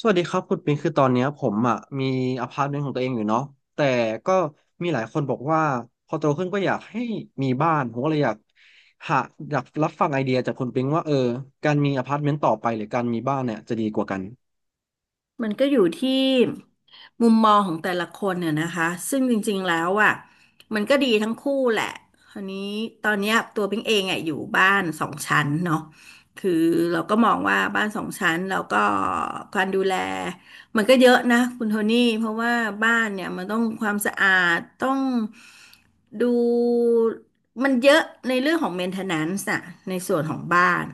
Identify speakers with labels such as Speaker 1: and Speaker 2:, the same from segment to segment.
Speaker 1: สวัสดีครับคุณปิงคือตอนเนี้ยผมอ่ะมีอพาร์ตเมนต์ของตัวเองอยู่เนาะแต่ก็มีหลายคนบอกว่าพอโตขึ้นก็อยากให้มีบ้านผมก็เลยอยากหาอยากรับฟังไอเดียจากคุณปิงว่าการมีอพาร์ตเมนต์ต่อไปหรือการมีบ้านเนี่ยจะดีกว่ากัน
Speaker 2: มันก็อยู่ที่มุมมองของแต่ละคนเนี่ยนะคะซึ่งจริงๆแล้วอ่ะมันก็ดีทั้งคู่แหละคราวนี้ตอนเนี้ยตัวพิงเองอ่ะอยู่บ้านสองชั้นเนาะคือเราก็มองว่าบ้านสองชั้นแล้วก็การดูแลมันก็เยอะนะคุณโทนี่เพราะว่าบ้านเนี่ยมันต้องความสะอาดต้องดูมันเยอะในเรื่องของ maintenance อะในส่วนของบ้าน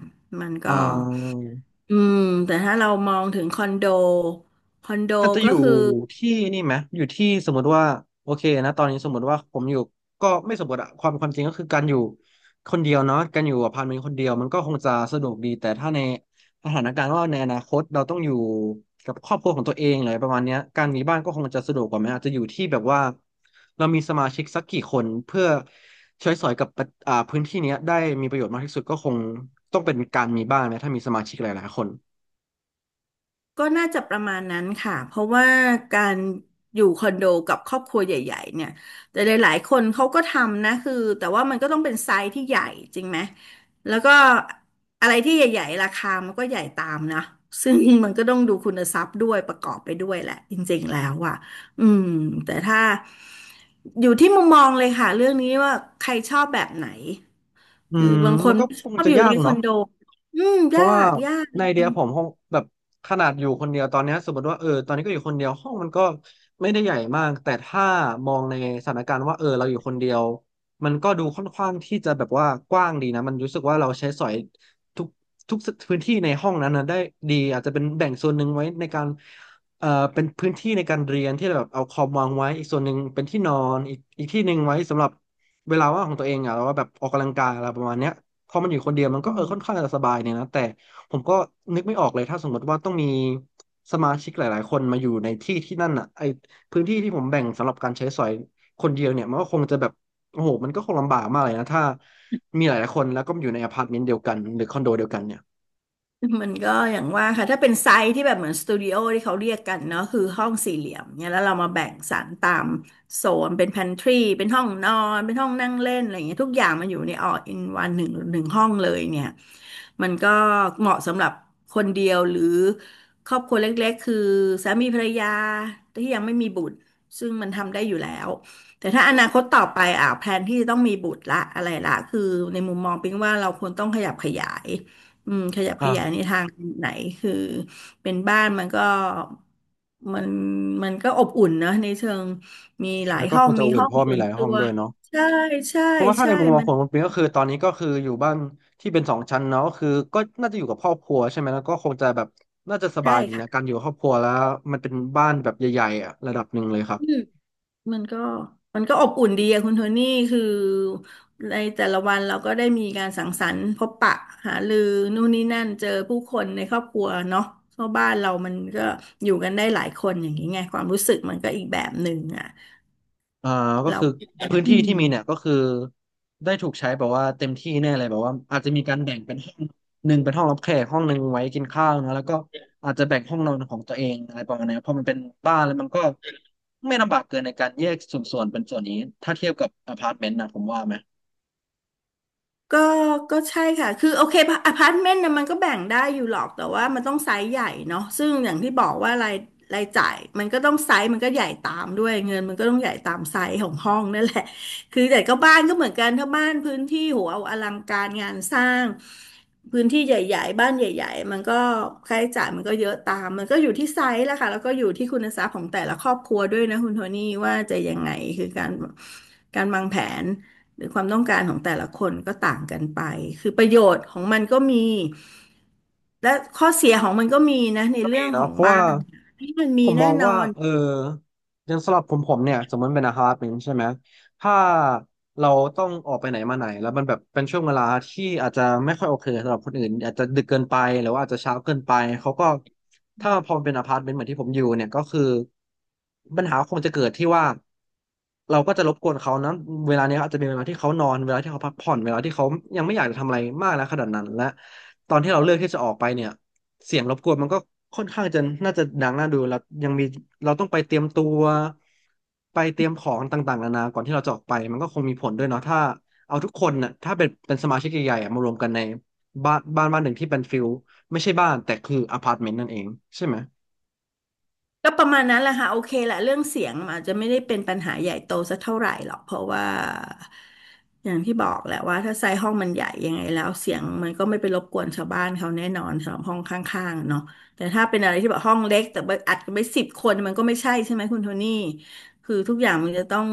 Speaker 2: มัน
Speaker 1: อ่
Speaker 2: ก็
Speaker 1: า
Speaker 2: อืมแต่ถ้าเรามองถึงคอนโดคอนโด
Speaker 1: มันจะอ
Speaker 2: ก็
Speaker 1: ยู่
Speaker 2: คือ
Speaker 1: ที่นี่ไหมอยู่ที่สมมติว่าโอเคนะตอนนี้สมมติว่าผมอยู่ก็ไม่สมมติอะความจริงก็คือการอยู่คนเดียวเนาะการอยู่อพาร์ตเมนต์คนเดียวมันก็คงจะสะดวกดี แต่ถ้าในสถานการณ์ว่าในอนาคตเราต้องอยู่กับครอบครัวของตัวเองอะไรประมาณเนี้ยการมีบ้านก็คงจะสะดวกกว่าไหมอาจจะอยู่ที่แบบว่าเรามีสมาชิกสักกี่คนเพื่อใช้สอยกับปะพื้นที่เนี้ยได้มีประโยชน์มากที่สุดก็คงต้องเป็นการมีบ้านไหมถ้ามีสมาชิกหลายๆคน
Speaker 2: ก็น่าจะประมาณนั้นค่ะเพราะว่าการอยู่คอนโดกับครอบครัวใหญ่ๆเนี่ยแต่หลายๆคนเขาก็ทำนะคือแต่ว่ามันก็ต้องเป็นไซส์ที่ใหญ่จริงไหมแล้วก็อะไรที่ใหญ่ๆราคามันก็ใหญ่ตามนะซึ่งมันก็ต้องดูคุณทรัพย์ด้วยประกอบไปด้วยแหละจริงๆแล้วอ่ะอืมแต่ถ้าอยู่ที่มุมมองเลยค่ะเรื่องนี้ว่าใครชอบแบบไหน
Speaker 1: อื
Speaker 2: คือ
Speaker 1: ม
Speaker 2: บางค
Speaker 1: มั
Speaker 2: น
Speaker 1: นก็
Speaker 2: ไม่ช
Speaker 1: คง
Speaker 2: อบ
Speaker 1: จะ
Speaker 2: อยู่
Speaker 1: ยา
Speaker 2: ใน
Speaker 1: ก
Speaker 2: คอ
Speaker 1: เนาะ
Speaker 2: นโดอืม
Speaker 1: เพ
Speaker 2: ยา
Speaker 1: ราะว่า
Speaker 2: ก ยาก
Speaker 1: ในไอเดียผมห้องแบบขนาดอยู่คนเดียวตอนเนี้ยสมมติว่าตอนนี้ก็อยู่คนเดียวห้องมันก็ไม่ได้ใหญ่มากแต่ถ้ามองในสถานการณ์ว่าเออเราอยู่คนเดียวมันก็ดูค่อนข้างที่จะแบบว่ากว้างดีนะมันรู้สึกว่าเราใช้สอยทุกทุกพื้นที่ในห้องนั้นนะได้ดีอาจจะเป็นแบ่งส่วนหนึ่งไว้ในการเป็นพื้นที่ในการเรียนที่แบบเอาคอมวางไว้อีกส่วนหนึ่งเป็นที่นอนอีกที่หนึ่งไว้สำหรับเวลาว่างของตัวเองอ่ะแล้วาแบบออกกำลังกายอะไรประมาณเนี้ย พอมันอยู่คนเดียวมัน
Speaker 2: อื
Speaker 1: ก็ค่อน
Speaker 2: ม
Speaker 1: ข้างจะสบายเนี่ยนะแต่ผมก็นึกไม่ออกเลยถ้าสมมติว่าต้องมีสมาชิกหลายๆคนมาอยู่ในที่นั่นอ่ะไอพื้นที่ที่ผมแบ่งสำหรับการใช้สอยคนเดียวเนี่ยมันก็คงจะแบบโอ้โหมันก็คงลำบากมากเลยนะถ้ามีหลายๆคนแล้วก็อยู่ในอพาร์ตเมนต์เดียวกันหรือคอนโดเดียวกันเนี่ย
Speaker 2: มันก็อย่างว่าค่ะถ้าเป็นไซส์ที่แบบเหมือนสตูดิโอที่เขาเรียกกันเนาะคือห้องสี่เหลี่ยมเนี่ยแล้วเรามาแบ่งสรรตามโซนเป็น pantryเป็นห้องนอนเป็นห้องนั่งเล่นอะไรอย่างเงี้ยทุกอย่างมันอยู่ในall-in-oneหนึ่งหนึ่งห้องเลยเนี่ยมันก็เหมาะสำหรับคนเดียวหรือครอบครัวเล็กๆคือสามีภรรยาที่ยังไม่มีบุตรซึ่งมันทำได้อยู่แล้วแต่ถ้าอนาคตต่อไปอ่ะแพลนที่จะต้องมีบุตรละอะไรละคือในมุมมองปิ๊งว่าเราควรต้องขยับขยาย อืมขยับขยายใน
Speaker 1: อ่า
Speaker 2: ทางไหนคือเป็นบ้านมันก็มันมันก็อบอุ่นนะในเชิงมีหลาย
Speaker 1: แล้วก็
Speaker 2: ห้อ
Speaker 1: ค
Speaker 2: ง
Speaker 1: งจะ
Speaker 2: มี
Speaker 1: อเวอ
Speaker 2: ห้
Speaker 1: น
Speaker 2: อง
Speaker 1: เพราะว่า
Speaker 2: ส่
Speaker 1: มี
Speaker 2: วน
Speaker 1: หลาย
Speaker 2: ตั
Speaker 1: ห้อง
Speaker 2: ว
Speaker 1: ด้วยเนาะ
Speaker 2: ใช่ใช่
Speaker 1: เพราะว่าถ้า
Speaker 2: ใช่
Speaker 1: ในมุมมอง
Speaker 2: มัน
Speaker 1: ของคุณปิงก็คือตอนนี้ก็คืออยู่บ้านที่เป็นสองชั้นเนาะก็คือก็น่าจะอยู่กับครอบครัวใช่ไหมแล้วก็คงจะแบบน่าจะส
Speaker 2: ใช่
Speaker 1: บายดีนะ
Speaker 2: ค่ะ
Speaker 1: การอยู่กับครอบครัวแล้วมันเป็นบ้านแบบใหญ่ๆอะระดับหนึ่งเลยครับ
Speaker 2: อืมมันก็มันก็อบอุ่นดีอะคุณโทนี่คือในแต่ละวันเราก็ได้มีการสังสรรค์พบปะหารือนู่นนี่นั่นเจอผู้คนในครอบครัวเนาะเพราะบ้านเรามันก็อยู่กันได้หลายคนอย่างนี้ไงความรู้สึกมันก็อีกแบบหนึ่งอะ
Speaker 1: อ่าก็
Speaker 2: เรา
Speaker 1: คือพื้น
Speaker 2: อื
Speaker 1: ที่ที่
Speaker 2: ม
Speaker 1: มีเนี่ยก็คือได้ถูกใช้แบบว่าเต็มที่แน่เลยแบบว่าอาจจะมีการแบ่งเป็นห้องหนึ่งเป็นห้องรับแขกห้องหนึ่งไว้กินข้าวนะแล้วก็อาจจะแบ่งห้องนอนของตัวเองอะไรประมาณนี้เพราะมันเป็นบ้านแล้วมันก็ไม่ลำบากเกินในการแยกส่วนๆเป็นส่วนนี้ถ้าเทียบกับอพาร์ตเมนต์นะผมว่าไหม
Speaker 2: ก็ก็ใช่ค่ะ คือโอเคอพาร์ตเมนต์นะมันก็แบ่งได้อยู่หรอกแต่ว่ามันต้องไซส์ใหญ่เนาะซึ่งอย่างที่บอกว่ารายจ่ายมันก็ต้องไซส์มันก็ใหญ่ตามด้วยเงินมันก็ต้องใหญ่ตามไซส์ของห้องนั่นแหละคือแต่ก็บ้านก็เหมือนกันถ้าบ้านพื้นที่โหเอาอลังการงานสร้างพื้นที่ใหญ่ๆบ้านใหญ่ๆมันก็ค่าใช้จ่ายมันก็เยอะตามมันก็อยู่ที่ไซส์แหละค่ะแล้วก็อยู่ที่คุณทรัพย์ของแต่ละครอบครัวด้วยนะคุณโทนี่ว่าจะยังไงคือการวางแผน หรือความต้องการของแต่ละคนก็ต่างกันไปคือประโยชน์ของมันก็มีและข้อเสียของมันก็มีนะใน
Speaker 1: ก็
Speaker 2: เรื่
Speaker 1: มี
Speaker 2: องข
Speaker 1: เนาะ
Speaker 2: อง
Speaker 1: เพราะ
Speaker 2: บ้า
Speaker 1: ว่า
Speaker 2: นที่มันมี
Speaker 1: ผมม
Speaker 2: แน่
Speaker 1: อง
Speaker 2: นอ
Speaker 1: ว่า
Speaker 2: น
Speaker 1: อย่างสำหรับผมเนี่ยสมมติเป็นอพาร์ตเมนต์ใช่ไหมถ้าเราต้องออกไปไหนมาไหนแล้วมันแบบเป็นช่วงเวลาที่อาจจะไม่ค่อยโอเคสำหรับคนอื่นอาจจะดึกเกินไปหรือว่าอาจจะเช้าเกินไปเขาก็ถ้าพอมันเป็นอพาร์ตเมนต์เหมือนที่ผมอยู่เนี่ยก็คือปัญหาคงจะเกิดที่ว่าเราก็จะรบกวนเขานะเวลาเนี้ยอาจจะเป็นเวลาที่เขานอนเวลาที่เขาพักผ่อนเวลาที่เขายังไม่อยากจะทำอะไรมากนะขนาดนั้นและตอนที่เราเลือกที่จะออกไปเนี่ย เสียงรบกวนมันก็ค่อนข้างจะน่าจะดังน่าดูแล้วยังมีเราต้องไปเตรียมตัวไปเตรียมของต่างๆนานาก่อนที่เราจะออกไปมันก็คงมีผลด้วยเนาะถ้าเอาทุกคนน่ะถ้าเป็นสมาชิกใหญ่ๆอะมารวมกันในบ้านหนึ่งที่เป็นฟิลไม่ใช่บ้านแต่คืออพาร์ตเมนต์นั่นเองใช่ไหม
Speaker 2: ก็ประมาณนั้นแหละค่ะโอเคแหละเรื่องเสียงอาจจะไม่ได้เป็นปัญหาใหญ่โตสักเท่าไหร่หรอกเพราะว่าอย่างที่บอกแหละว่าถ้าไซส์ห้องมันใหญ่ยังไงแล้วเสียงมันก็ไม่ไปรบกวนชาวบ้านเขาแน่นอนสำหรับห้องข้างๆเนาะแต่ถ้าเป็นอะไรที่แบบห้องเล็กแต่ว่าอัดกันไป10 คนมันก็ไม่ใช่ใช่ไหมคุณโทนี่ คือทุกอย่างมันจะต้อง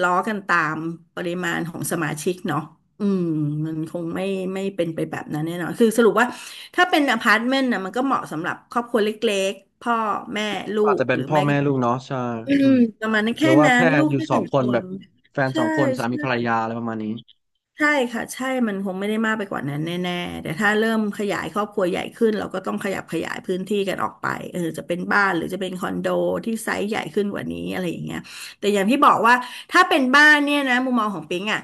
Speaker 2: ล้อกันตามปริมาณของสมาชิกเนาะอืมมันคงไม่เป็นไปแบบนั้นแน่นอนคือสรุปว่าถ้าเป็นอพาร์ตเมนต์นะมันก็เหมาะสำหรับครอบครัวเล็กๆพ่อแม่ลู
Speaker 1: ก็อาจ
Speaker 2: ก
Speaker 1: จะเป็
Speaker 2: ห
Speaker 1: น
Speaker 2: รือ
Speaker 1: พ่อ
Speaker 2: ไม่ก็
Speaker 1: แม่ลูกเนาะใช่
Speaker 2: อื
Speaker 1: อื
Speaker 2: ม
Speaker 1: ม
Speaker 2: ประมาณนั้น
Speaker 1: หรื
Speaker 2: แค่
Speaker 1: อว่า
Speaker 2: นั้น
Speaker 1: แค่
Speaker 2: ลูก
Speaker 1: อยู่
Speaker 2: แค่
Speaker 1: ส
Speaker 2: ห
Speaker 1: อ
Speaker 2: นึ่
Speaker 1: ง
Speaker 2: ง
Speaker 1: ค
Speaker 2: ค
Speaker 1: นแบ
Speaker 2: น
Speaker 1: บแฟนส
Speaker 2: ใช่
Speaker 1: องคนสามีภรร
Speaker 2: ใช่
Speaker 1: ยาอะไรประมาณนี้
Speaker 2: ใช่ค่ะใช่มันคงไม่ได้มากไปกว่านั้นแน่ๆแต่ถ้าเริ่มขยายครอบครัวใหญ่ขึ้นเราก็ต้องขยับขยายพื้นที่กันออกไปเออจะเป็นบ้านหรือจะเป็นคอนโดที่ไซส์ใหญ่ขึ้นกว่านี้อะไรอย่างเงี้ยแต่อย่างที่บอกว่าถ้าเป็นบ้านเนี่ยนะมุมมองของปิงอ่ะ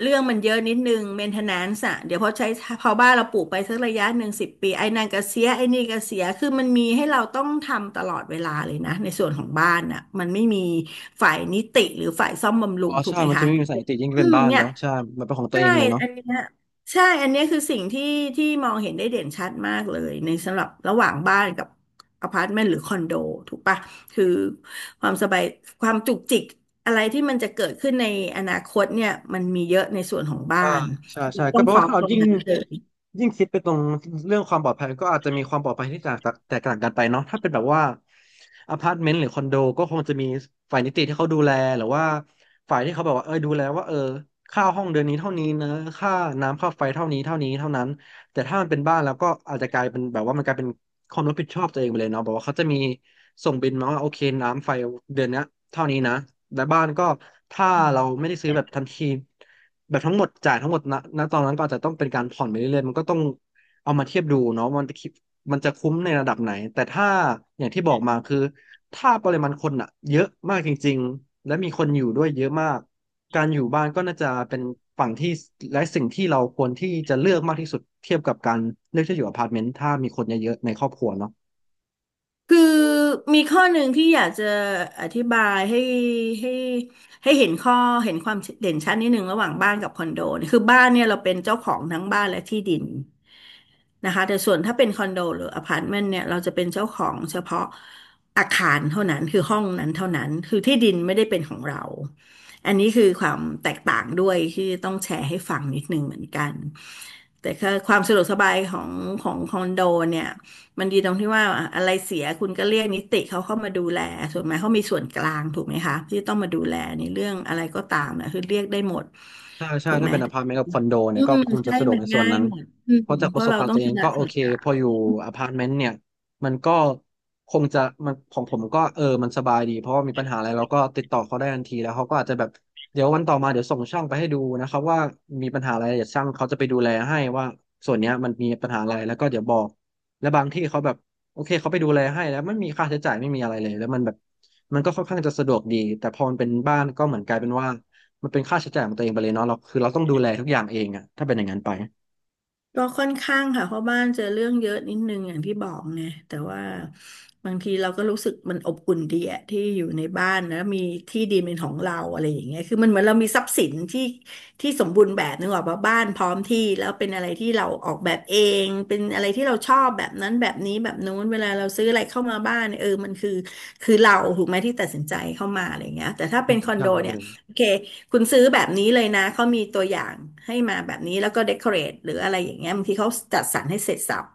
Speaker 2: เรื่องมันเยอะนิดนึงเมนเทนแนนซ์อ่ะเดี๋ยวพอบ้านเราปลูกไปสักระยะหนึ่ง10 ปีไอ้นั่นก็เสียไอ้นี่ก็เสียคือมันมีให้เราต้องทำตลอดเวลาเลยนะในส่วนของบ้านอ่ะมันไม่มีฝ่ายนิติหรือฝ่ายซ่อมบำรุ
Speaker 1: อ๋
Speaker 2: ง
Speaker 1: อ
Speaker 2: ถูก
Speaker 1: ใช่
Speaker 2: ไหม
Speaker 1: มันจะ
Speaker 2: คะ
Speaker 1: ไม่มีสายติยิ่ง
Speaker 2: อื
Speaker 1: เป็น
Speaker 2: ม
Speaker 1: บ้าน
Speaker 2: เนี่ย
Speaker 1: เนาะใช่มันเป็นของตัว
Speaker 2: ใช่
Speaker 1: เองเลยเนาะ
Speaker 2: อันเนี้ยใช่อันเนี้ยคือสิ่งที่มองเห็นได้เด่นชัดมากเลยในสำหรับระหว่างบ้านกับอพาร์ตเมนต์หรือคอนโดถูกปะคือความสบายความจุกจิกอะไรที่มันจะเกิดขึ้นในอนาคตเนี่ยมันมีเยอะในส่วนของบ้า
Speaker 1: อ่า
Speaker 2: น
Speaker 1: ใช่
Speaker 2: คือ
Speaker 1: ใช่
Speaker 2: ต้
Speaker 1: ก็
Speaker 2: อง
Speaker 1: แปล
Speaker 2: พร้อ
Speaker 1: ว่า
Speaker 2: ม
Speaker 1: ถ้า
Speaker 2: ต
Speaker 1: เรา
Speaker 2: รง
Speaker 1: ยิ่ง
Speaker 2: นั้นเลย
Speaker 1: ยิ่งคิดไปตรงเรื่องความปลอดภัยก็อาจจะมีความปลอดภัยที่แตกต่างกันไปเนาะถ้าเป็นแบบว่าอพาร์ตเมนต์หรือคอนโดก็คงจะมีฝ่ายนิติที่เขาดูแลหรือว่าฝ่ายที่เขาแบบว่าเออดูแลว่าเออค่าห้องเดือนนี้เท่านี้นะค่าน้ำค่าไฟเท่านี้เท่านี้เท่านั้นแต่ถ้ามันเป็นบ้านแล้วก็อาจจะกลายเป็นแบบว่ามันกลายเป็นความรับผิดชอบตัวเองไปเลยเนาะบอกว่าเขาจะมีส่งบิลมาว่าโอเคน้ำไฟเดือนเนี้ยเท่านี้นะและบ้านก็ถ้าเราไม่ได้ซื้อแบบทันที แบบทั้งหมดจ่ายทั้งหมดณตอนนั้นก็อาจจะต้องเป็นการผ่อนไปเรื่อยๆมันก็ต้องเอามาเทียบดูเนาะมันจะคุ้มในระดับไหนแต่ถ้าอย่างที่บอกมาคือถ้าปริมาณคนอะเยอะมากจริงๆและมีคนอยู่ด้วยเยอะมากการอยู่บ้านก็น่าจะเป็นฝั่งที่และสิ่งที่เราควรที่จะเลือกมากที่สุดเทียบกับการเลือกที่จะอยู่อพาร์ตเมนต์ถ้ามีคนเยอะๆในครอบครัวเนาะ
Speaker 2: คือมีข้อหนึ่งที่อยากจะอธิบายให้ให้เห็นเห็นความเด่นชัดนิดหนึ่งระหว่างบ้านกับคอนโดเนี่ยคือบ้านเนี่ยเราเป็นเจ้าของทั้งบ้านและที่ดินนะคะแต่ส่วนถ้าเป็นคอนโดหรืออพาร์ตเมนต์เนี่ยเราจะเป็นเจ้าของเฉพาะอาคารเท่านั้นคือห้องนั้นเท่านั้นคือที่ดินไม่ได้เป็นของเราอันนี้คือความแตกต่างด้วยที่ต้องแชร์ให้ฟังนิดหนึ่งเหมือนกันแต่ก็ความสะดวกสบายของคอนโดเนี่ย มันดีตรงที่ว่าอะไรเสียคุณก็เรียกนิติเขาเข้ามาดูแลส่วนไหมเขามีส่วนกลางถูกไหมคะที่ต้องมาดูแลในเรื่องอะไรก็ตามนะคือเรียกได้หมด
Speaker 1: ใช่ใช่
Speaker 2: ถูกไห
Speaker 1: ถ้า
Speaker 2: ม
Speaker 1: เป็นอพาร์ตเมนต์กับคอนโด
Speaker 2: อื
Speaker 1: เนี่ยก็
Speaker 2: ม
Speaker 1: คงจะ
Speaker 2: ใช่
Speaker 1: สะดวก
Speaker 2: มัน
Speaker 1: ในส่วน
Speaker 2: ง่าย
Speaker 1: นั้น
Speaker 2: หมดอื
Speaker 1: เพ
Speaker 2: ม
Speaker 1: ราะจาก
Speaker 2: เพ
Speaker 1: ประ
Speaker 2: ราะ
Speaker 1: สบ
Speaker 2: เรา
Speaker 1: การณ์
Speaker 2: ต้อ
Speaker 1: ตั
Speaker 2: ง
Speaker 1: วเอ
Speaker 2: ช
Speaker 1: ง
Speaker 2: นะ
Speaker 1: ก็โอ
Speaker 2: ส่วน
Speaker 1: เค
Speaker 2: กลา
Speaker 1: พอ
Speaker 2: ง
Speaker 1: อยู่อพาร์ตเมนต์เนี่ยมันก็คงจะมันของผมก็เออมันสบายดีเพราะว่ามีปัญหาอะไรเราก็ติดต่อเขาได้ทันทีแล้วเขาก็อาจจะแบบเดี๋ยววันต่อมาเดี๋ยวส่งช่างไปให้ดูนะครับว่ามีปัญหาอะไรเดี๋ยวช่างเขาจะไปดูแลให้ว่าส่วนเนี้ยมันมีปัญหาอะไรแล้วก็เดี๋ยวบอกและบางที่เขาแบบโอเคเขาไปดูแลให้แล้วไม่มีค่าใช้จ่ายไม่มีอะไรเลยแล้วมันแบบมันก็ค่อนข้างจะสะดวกดีแต่พอมันเป็นบ้านก็เหมือนกลายเป็นว่า มันเป็นค่าใช้จ่ายของตัวเองไปเลยเนาะเราคือเราต้องดูแลทุกอย่างเองอะถ้าเป็นอย่างนั้นไป
Speaker 2: ก็ค่อนข้างค่ะเพราะบ้านเจอเรื่องเยอะนิดนึงอย่างที่บอกไงแต่ว่าบางทีเราก็รู้สึกมันอบอุ่นดีอะที่อยู่ในบ้านนะมีที่ดินเป็นของเราอะไรอย่างเงี้ยคือมันเหมือนเรามีทรัพย์สินที่สมบูรณ์แบบนึกออกปะบ้านพร้อมที่แล้วเป็นอะไรที่เราออกแบบเองเป็นอะไรที่เราชอบแบบนั้นแบบนี้แบบนู้นเวลาเราซื้ออะไรเข้ามาบ้านเนี่ยเออมันคือคือเราถูกไหมที่ตัดสินใจเข้ามาอะไรอย่างเงี้ยแต่ถ้า
Speaker 1: อื
Speaker 2: เป็น
Speaker 1: ม
Speaker 2: คอน
Speaker 1: ใช่
Speaker 2: โด
Speaker 1: ไม่เป็
Speaker 2: เนี่ย
Speaker 1: นไร
Speaker 2: โอเค คุณซื้อแบบนี้เลยนะ เขามีตัวอย่างให้มาแบบนี้แล้วก็เดคอเรทหรืออะไรอย่างเงี้ยบางทีเขาจัดสรรให้เสร็จสรรพ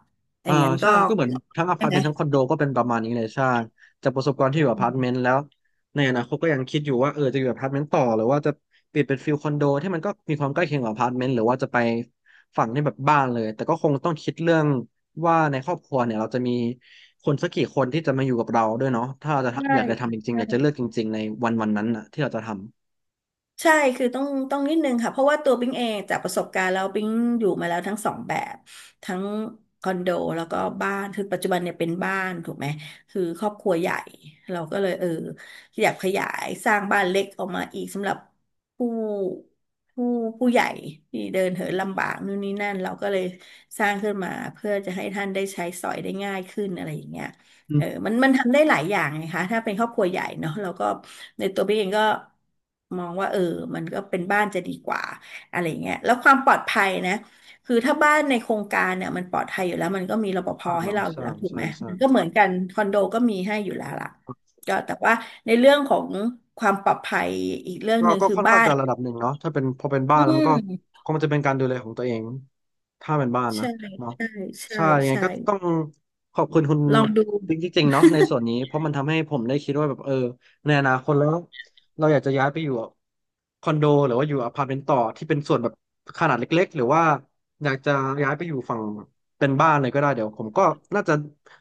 Speaker 2: อ
Speaker 1: อ่า
Speaker 2: ย่างนั้นก็
Speaker 1: ใช่ก็เหมือนทั้งอ
Speaker 2: ใช่
Speaker 1: พาร์ต
Speaker 2: ไหม
Speaker 1: เมนต์ทั้งคอนโดก็เป็นประมาณนี้เลยใช่จากประสบการณ์ที่อยู่อพาร์ตเมนต์แล้วในอนาคตก็ยังคิดอยู่ว่าเออจะอยู่อพาร์ตเมนต์ต่อหรือว่าจะเปลี่ยนเป็นฟิลคอนโดที่มันก็มีความใกล้เคียงกับอพาร์ตเมนต์หรือว่าจะไปฝั่งที่แบบบ้านเลยแต่ก็คงต้องคิดเรื่องว่าในครอบครัวเนี่ยเราจะมีคนสักกี่คนที่จะมาอยู่กับเราด้วยเนาะถ้าเราจะทำอ
Speaker 2: ใช่
Speaker 1: ยากจะทำจริงๆอยากจะเลื
Speaker 2: ใช่
Speaker 1: อกจริงๆในวันวันนั้นน่ะที่เราจะทำ
Speaker 2: ใช่คือต้องนิดนึงค่ะเพราะว่าตัวปิ๊งเองจากประสบการณ์แล้วปิ๊งอยู่มาแล้วทั้งสองแบบทั้งคอนโดแล้วก็บ้านคือปัจจุบันเนี่ยเป็นบ้านถูกไหมคือครอบครัวใหญ่เราก็เลยเอออยากขยายสร้างบ้านเล็กออกมาอีกสำหรับผู้ผู้ผู้ใหญ่ที่เดินเหินลำบากนู่นนี่นั่นเราก็เลยสร้างขึ้นมาเพื่อจะให้ท่านได้ใช้สอยได้ง่ายขึ้นอะไรอย่างเงี้ย
Speaker 1: อื
Speaker 2: เออ
Speaker 1: ม
Speaker 2: มันทำได้หลายอย่างไงคะถ้าเป็นครอบครัวใหญ่เนาะแล้วก็ในตัวพี่เองก็มองว่าเออมันก็เป็นบ้านจะดีกว่าอะไรเงี้ยแล้วความปลอดภัยนะคือถ้าบ้านในโครงการเนี่ยมันปลอดภัยอยู่แล้วมันก็มีรปภ
Speaker 1: บ้าง
Speaker 2: ให้
Speaker 1: เนาะ
Speaker 2: เราอยู่
Speaker 1: ใช่
Speaker 2: แล้วถูก
Speaker 1: ใช่
Speaker 2: ไหม
Speaker 1: ใช่
Speaker 2: มันก็เหมือนกันคอนโดก็มีให้อยู่แล้วล่ะก็แต่ว่าในเรื่องของความปลอดภัยอีกเรื่อง
Speaker 1: ก็
Speaker 2: หนึ่ง
Speaker 1: ก็
Speaker 2: คือ
Speaker 1: ค่อน
Speaker 2: บ้า
Speaker 1: ข้าง
Speaker 2: น
Speaker 1: จะระดับหนึ่งเนาะถ้าเป็นพอเป็นบ้า
Speaker 2: อื
Speaker 1: นแล้วมันก็
Speaker 2: ม
Speaker 1: คงจะเป็นการดูแลของตัวเองถ้าเป็นบ้านนะ
Speaker 2: ใช่
Speaker 1: เนาะ
Speaker 2: ใช่ใช่
Speaker 1: ใช่ยังไง
Speaker 2: ใช่
Speaker 1: ก็ต้องขอบคุณคุณ
Speaker 2: ลองดู
Speaker 1: จริงๆเนาะในส่ว นนี้เพราะมันทำให้ผมได้คิดว่าแบบเออในอนาคตแล้วเราอยากจะย้ายไปอยู่คอนโดหรือว่าอยู่อพาร์ตเมนต์ต่อที่เป็นส่วนแบบขนาดเล็กๆหรือว่าอยากจะย้ายไปอยู่ฝั่งเป็นบ้านเลยก็ได้เดี๋ยวผมก็น่าจะ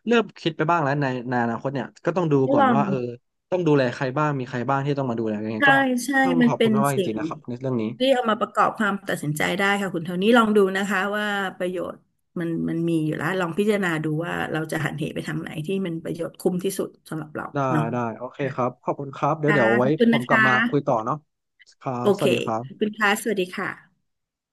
Speaker 1: เริ่มคิดไปบ้างแล้วในอนาคตเนี่ยก็ต้องดูก่อ
Speaker 2: ล
Speaker 1: น
Speaker 2: อง
Speaker 1: ว่าเออต้องดูแลใครบ้างมีใครบ้างที่ต้องมาดูแลยังไง
Speaker 2: ใช่
Speaker 1: ก็
Speaker 2: ใช่
Speaker 1: ต้อง
Speaker 2: มั
Speaker 1: ข
Speaker 2: น
Speaker 1: อบ
Speaker 2: เป็
Speaker 1: คุณ
Speaker 2: น
Speaker 1: มากๆจ
Speaker 2: สิ่
Speaker 1: ริ
Speaker 2: ง
Speaker 1: งๆนะครับในเรื่องนี้
Speaker 2: ที่เอามาประกอบความตัดสินใจได้ค่ะคุณเท่านี้ลองดูนะคะว่าประโยชน์มันมีอยู่แล้วลองพิจารณาดูว่าเราจะหันเหไปทางไหนที่มันประโยชน์คุ้มที่สุดสำหรับเรา
Speaker 1: ได้
Speaker 2: เนาะ
Speaker 1: ได้โอเคครับขอบคุณครับเดี๋ยว
Speaker 2: ค่ะ
Speaker 1: เดี๋ยว
Speaker 2: ข
Speaker 1: ไว้
Speaker 2: อบคุณ
Speaker 1: ผ
Speaker 2: นะ
Speaker 1: มกลับ
Speaker 2: คะ
Speaker 1: มาคุยต่อเนาะครับ
Speaker 2: โอ
Speaker 1: ส
Speaker 2: เค
Speaker 1: วัสดีครั
Speaker 2: ขอบคุ
Speaker 1: บ
Speaker 2: ณค่ะสวัสดีค่ะ